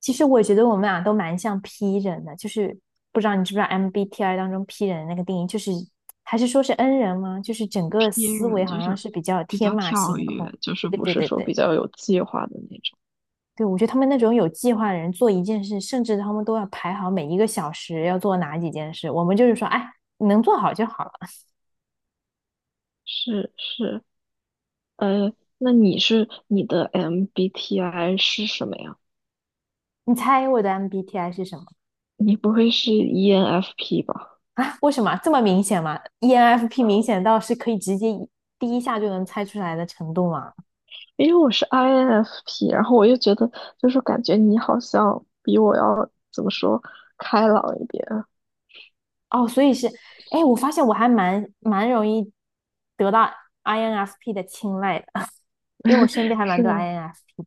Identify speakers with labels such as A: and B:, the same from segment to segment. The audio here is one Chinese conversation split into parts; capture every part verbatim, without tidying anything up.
A: 其实我觉得我们俩都蛮像 P 人的，就是不知道你知不知道 M B T I 当中 P 人的那个定义，就是还是说是 N 人吗？就是整个
B: E
A: 思维
B: 人
A: 好
B: 就
A: 像
B: 是
A: 是比较
B: 比
A: 天
B: 较
A: 马
B: 跳
A: 行
B: 跃，
A: 空。
B: 就
A: 对
B: 是
A: 对
B: 不
A: 对
B: 是
A: 对
B: 说
A: 对，
B: 比较有计划的那种。
A: 对我觉得他们那种有计划的人做一件事，甚至他们都要排好每一个小时要做哪几件事。我们就是说，哎，你能做好就好了。
B: 是是，呃，那你是你的 M B T I 是什么呀？
A: 你猜我的 M B T I 是什么
B: 你不会是 E N F P 吧？
A: 啊？为什么这么明显吗？E N F P 明显到是可以直接一第一下就能猜出来的程度吗？
B: 因为我是 I N F P，然后我又觉得就是感觉你好像比我要怎么说开朗一点，
A: 哦，所以是，哎，我发现我还蛮蛮容易得到 I N F P 的青睐的，因为我身边还蛮
B: 是
A: 多
B: 吗？
A: I N F P。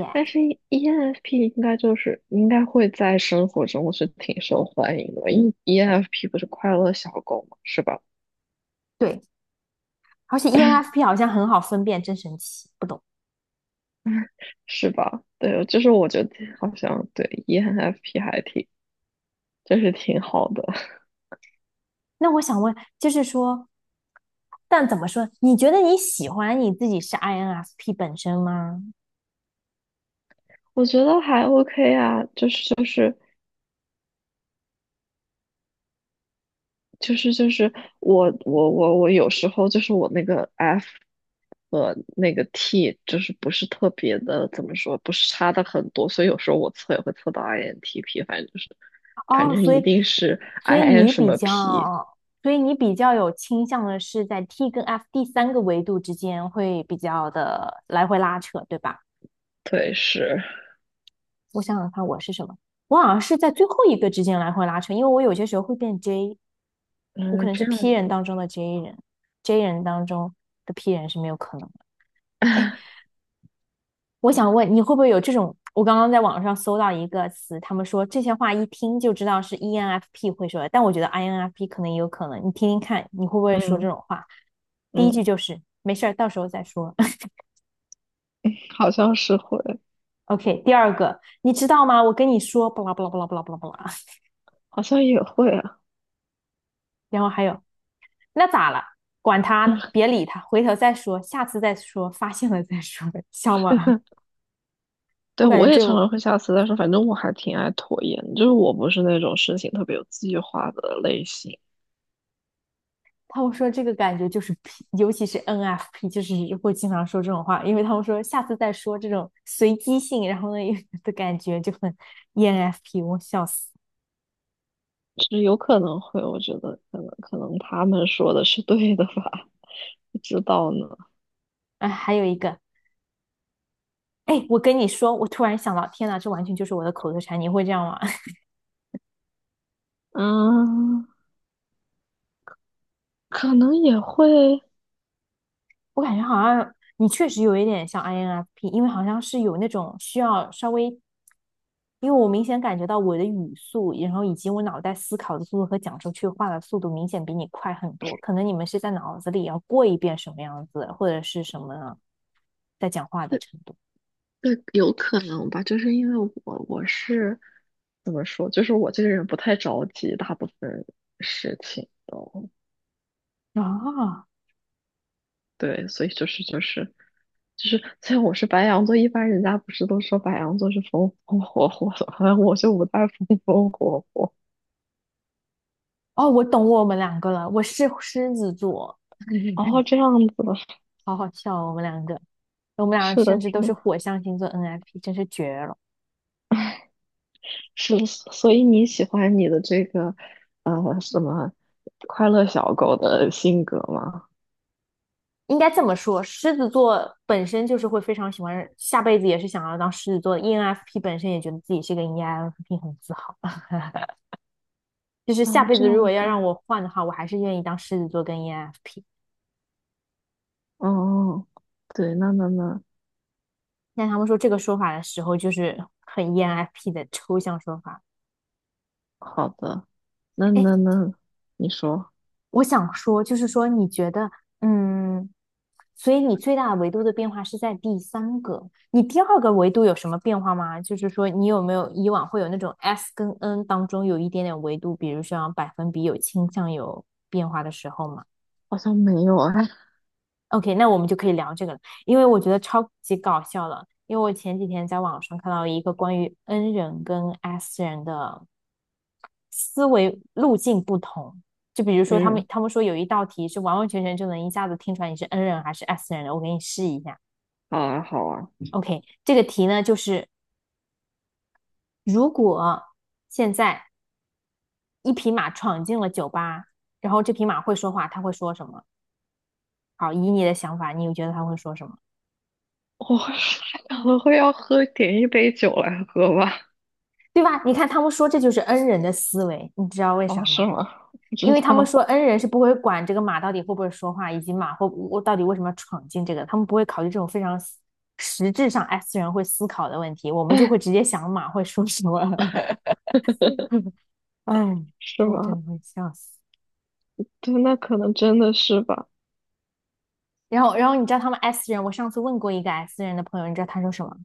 A: 耶，
B: 但是 E N F P 应该就是应该会在生活中是挺受欢迎的，因为 E N F P 不是快乐小狗嘛，是吧？
A: 对，而且 E N F P 好像很好分辨，真神奇，不懂。
B: 是吧？对，就是我觉得好像对 E N F P 还挺，就是挺好的，
A: 那我想问，就是说，但怎么说？你觉得你喜欢你自己是 I N F P 本身吗？
B: 我觉得还 OK 啊，就是就是就是就是我我我我有时候就是我那个 F 和那个 T 就是不是特别的，怎么说，不是差的很多，所以有时候我测也会测到 I N T P，反正就是反
A: 哦，
B: 正
A: 所
B: 一
A: 以，
B: 定是
A: 所以
B: I N
A: 你
B: 什
A: 比
B: 么 P，
A: 较，所以你比较有倾向的是在 T 跟 F 第三个维度之间会比较的来回拉扯，对吧？
B: 对，是，
A: 我想想看，我是什么？我好像是在最后一个之间来回拉扯，因为我有些时候会变 J，我可
B: 嗯，
A: 能是
B: 这样，
A: P 人当中的 J 人，J 人当中的 P 人是没有可能的。哎，我想问你会不会有这种？我刚刚在网上搜到一个词，他们说这些话一听就知道是 E N F P 会说的，但我觉得 I N F P 可能也有可能。你听听看，你会不会说这
B: 嗯
A: 种话？第一句
B: 嗯，
A: 就是没事儿，到时候再说。
B: 好像是会，
A: OK，第二个，你知道吗？我跟你说，巴拉巴拉巴拉巴拉巴拉巴拉。
B: 好像也会啊。
A: 然后还有，那咋了？管他呢，别理他，回头再说，下次再说，发现了再说，笑吗？
B: 对，
A: 我感
B: 我
A: 觉
B: 也
A: 这
B: 常
A: 种
B: 常会下次，但是反正我还挺爱拖延，就是我不是那种事情特别有计划的类型，
A: 他们说这个感觉就是 P，尤其是 N F P，就是会经常说这种话，因为他们说下次再说这种随机性，然后呢 的感觉就很 E N F P，我笑死。
B: 就是有可能会，我觉得可能可能他们说的是对的吧，不知道呢，
A: 哎，还有一个，哎，我跟你说，我突然想到，天哪，这完全就是我的口头禅，你会这样吗？
B: 嗯，可能也会，
A: 我感觉好像你确实有一点像 I N F P，因为好像是有那种需要稍微，因为我明显感觉到我的语速，然后以及我脑袋思考的速度和讲出去话的速度明显比你快很多。可能你们是在脑子里要过一遍什么样子，或者是什么在讲话的
B: 对
A: 程度。
B: 对，有可能吧，就是因为我我是怎么说，就是我这个人不太着急大部分事情都，
A: 啊，
B: 对，所以就是就是就是，虽然我是白羊座，一般人家不是都说白羊座是风风火火的，好像我就不太风风火火。
A: 哦，我懂我们两个了，我是狮子座，
B: 哦，这样子，的，
A: 好好笑哦，我们两个，我们俩
B: 是的，
A: 甚至
B: 是
A: 都
B: 的，
A: 是火象星座 N F P，真是绝了。
B: 是的，所以你喜欢你的这个呃什么快乐小狗的性格吗？
A: 应该这么说，狮子座本身就是会非常喜欢，下辈子也是想要当狮子座的。E N F P 本身也觉得自己是个 E N F P，很自豪。就是下
B: 哦，
A: 辈
B: 这
A: 子如果
B: 样
A: 要
B: 子，
A: 让我换的话，我还是愿意当狮子座跟 E N F P。
B: 哦，对，那那那，
A: 但他们说这个说法的时候，就是很 E N F P 的抽象说法。
B: 好的，那
A: 哎，
B: 那那，你说，
A: 我想说，就是说，你觉得，嗯，所以你最大的维度的变化是在第三个，你第二个维度有什么变化吗？就是说，你有没有以往会有那种 S 跟 N 当中有一点点维度，比如像百分比有倾向有变化的时候嘛
B: 好像没有啊，
A: o k 那我们就可以聊这个了，因为我觉得超级搞笑了，因为我前几天在网上看到一个关于 N 人跟 S 人的思维路径不同。就比如说，他们
B: 嗯，
A: 他们说有一道题是完完全全就能一下子听出来你是 N 人还是 S 人的，我给你试一下。
B: 好啊，好啊，
A: OK，这个题呢就是如果现在一匹马闯进了酒吧，然后这匹马会说话，它会说什么？好，以你的想法，你觉得它会说什么？
B: 我 可能会要喝点一杯酒来喝吧。
A: 对吧？你看他们说这就是 N 人的思维，你知道为
B: 哦，
A: 啥
B: 是
A: 吗？
B: 吗？不
A: 因
B: 知
A: 为他们
B: 道，
A: 说 n 人是不会管这个马到底会不会说话，以及马会我到底为什么要闯进这个，他们不会考虑这种非常实实质上 S 人会思考的问题，我们就会直接想马会说什么。哎，
B: 是
A: 我真
B: 吗？
A: 的会笑死。
B: 对，那可能真的是吧。
A: 然后，然后你知道他们 S 人，我上次问过一个 S 人的朋友，你知道他说什么？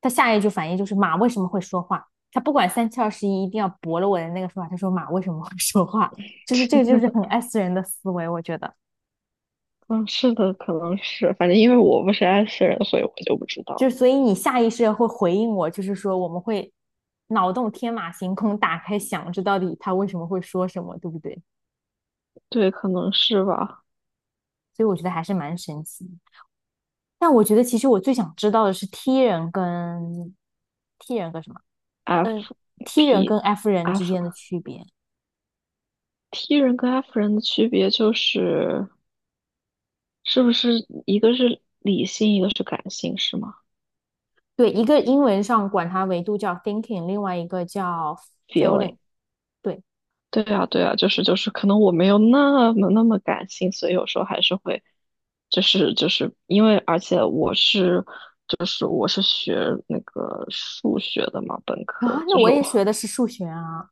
A: 他下一句反应就是马为什么会说话？他不管三七二十一，一定要驳了我的那个说法。他说马为什么会说话？就是这个，就是很 S 人的思维，我觉得。
B: 嗯，是的，可能是，反正因为我不是 S 人，所以我就不知
A: 就
B: 道。
A: 是所以你下意识会回应我，就是说我们会脑洞天马行空，打开想这到底他为什么会说什么，对不对？
B: 对，可能是吧。
A: 所以我觉得还是蛮神奇。但我觉得其实我最想知道的是 T 人跟 T 人跟什么
B: F，
A: T 人
B: P，
A: 跟 F 人之
B: F，
A: 间的区别。
B: T 人跟 F 人的区别就是，是不是一个是理性，一个是感性，是吗
A: 对，一个英文上管它维度叫 thinking，另外一个叫 feeling。
B: ？feeling。
A: 对
B: 对啊，对啊，就是就是，可能我没有那么那么感性，所以有时候还是会，就是就是因为，而且我是就是我是学那个数学的嘛，本
A: 啊，
B: 科
A: 那
B: 就
A: 我
B: 是
A: 也学
B: 我
A: 的是数学啊。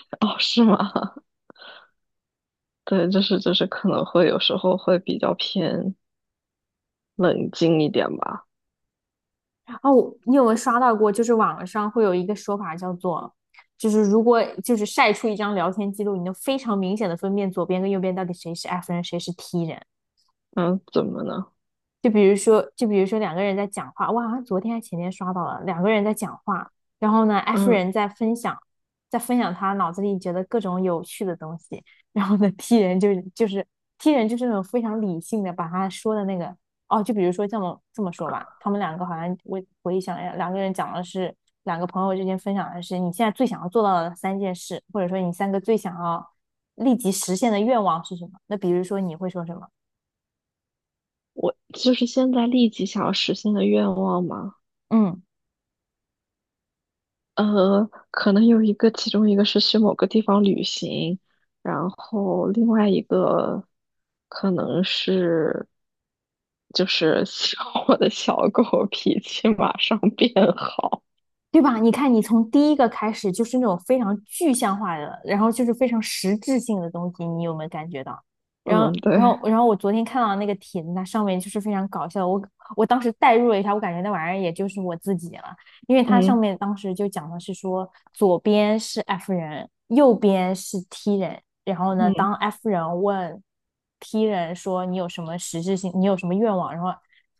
B: 哦，是吗？对，就是就是可能会有时候会比较偏冷静一点吧。
A: 哦，你有没有刷到过？就是网上会有一个说法叫做，就是如果就是晒出一张聊天记录，你能非常明显的分辨左边跟右边到底谁是 F 人，谁是 T 人。
B: 嗯，怎么呢？
A: 就比如说，就比如说两个人在讲话，我好像昨天还前天刷到了，两个人在讲话，然后呢，F
B: 嗯，
A: 人在分享，在分享他脑子里觉得各种有趣的东西，然后呢，T 人就是就是 T 人就是那种非常理性的，把他说的那个哦，就比如说这么这么说吧，他们两个好像我回想一下，两个人讲的是两个朋友之间分享的是你现在最想要做到的三件事，或者说你三个最想要立即实现的愿望是什么？那比如说你会说什么？
B: 我就是现在立即想要实现的愿望吗？
A: 嗯。
B: 呃，可能有一个，其中一个是去某个地方旅行，然后另外一个可能是就是希望我的小狗脾气马上变好。
A: 对吧？你看，你从第一个开始就是那种非常具象化的，然后就是非常实质性的东西，你有没有感觉到？然
B: 嗯，
A: 后，
B: 对，
A: 然后，然后我昨天看到那个帖子，它上面就是非常搞笑，我我当时代入了一下，我感觉那玩意儿也就是我自己了，因为它上
B: 嗯
A: 面当时就讲的是说，左边是 F 人，右边是 T 人，然后呢，
B: 嗯
A: 当 F 人问 T 人说你有什么实质性，你有什么愿望，然后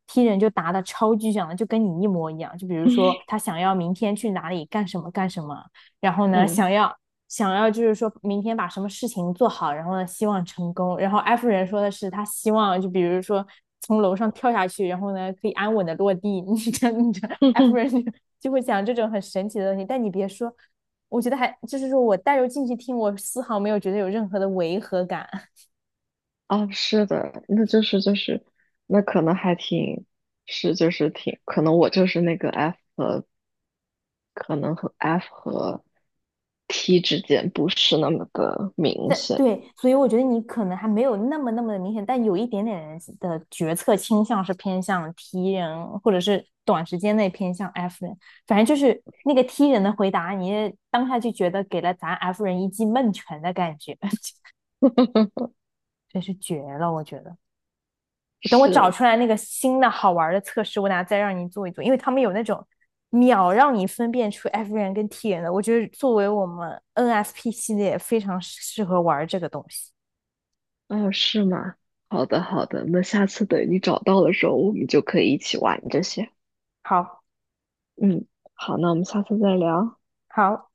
A: 踢人就答的超具象的，就跟你一模一样。就比如说他想要明天去哪里干什么干什么，然后呢
B: 嗯，
A: 想要想要就是说明天把什么事情做好，然后呢希望成功。然后艾夫人说的是他希望就比如说从楼上跳下去，然后呢可以安稳的落地。你这你这
B: 哼
A: 艾夫
B: 哼，
A: 人就会讲这种很神奇的东西，但你别说。我觉得还就是说我带入进去听，我丝毫没有觉得有任何的违和感。
B: 啊，是的，那就是就是，那可能还挺是就是挺，可能我就是那个 F 和可能和 F 和 T 之间不是那么的明
A: 但
B: 显。
A: 对，所以我觉得你可能还没有那么那么的明显，但有一点点的决策倾向是偏向 T 人，或者是短时间内偏向 F 人。反正就是那个 T 人的回答，你当下就觉得给了咱 F 人一记闷拳的感觉，真是绝了！我觉得，等我找
B: 是，
A: 出来那个新的好玩的测试，我等下再让你做一做，因为他们有那种秒让你分辨出 F 人跟 T 人的，我觉得作为我们 N F P 系列非常适合玩这个东西。
B: 哦，是吗？好的，好的，那下次等你找到的时候，我们就可以一起玩这些。
A: 好，
B: 嗯，好，那我们下次再聊。
A: 好。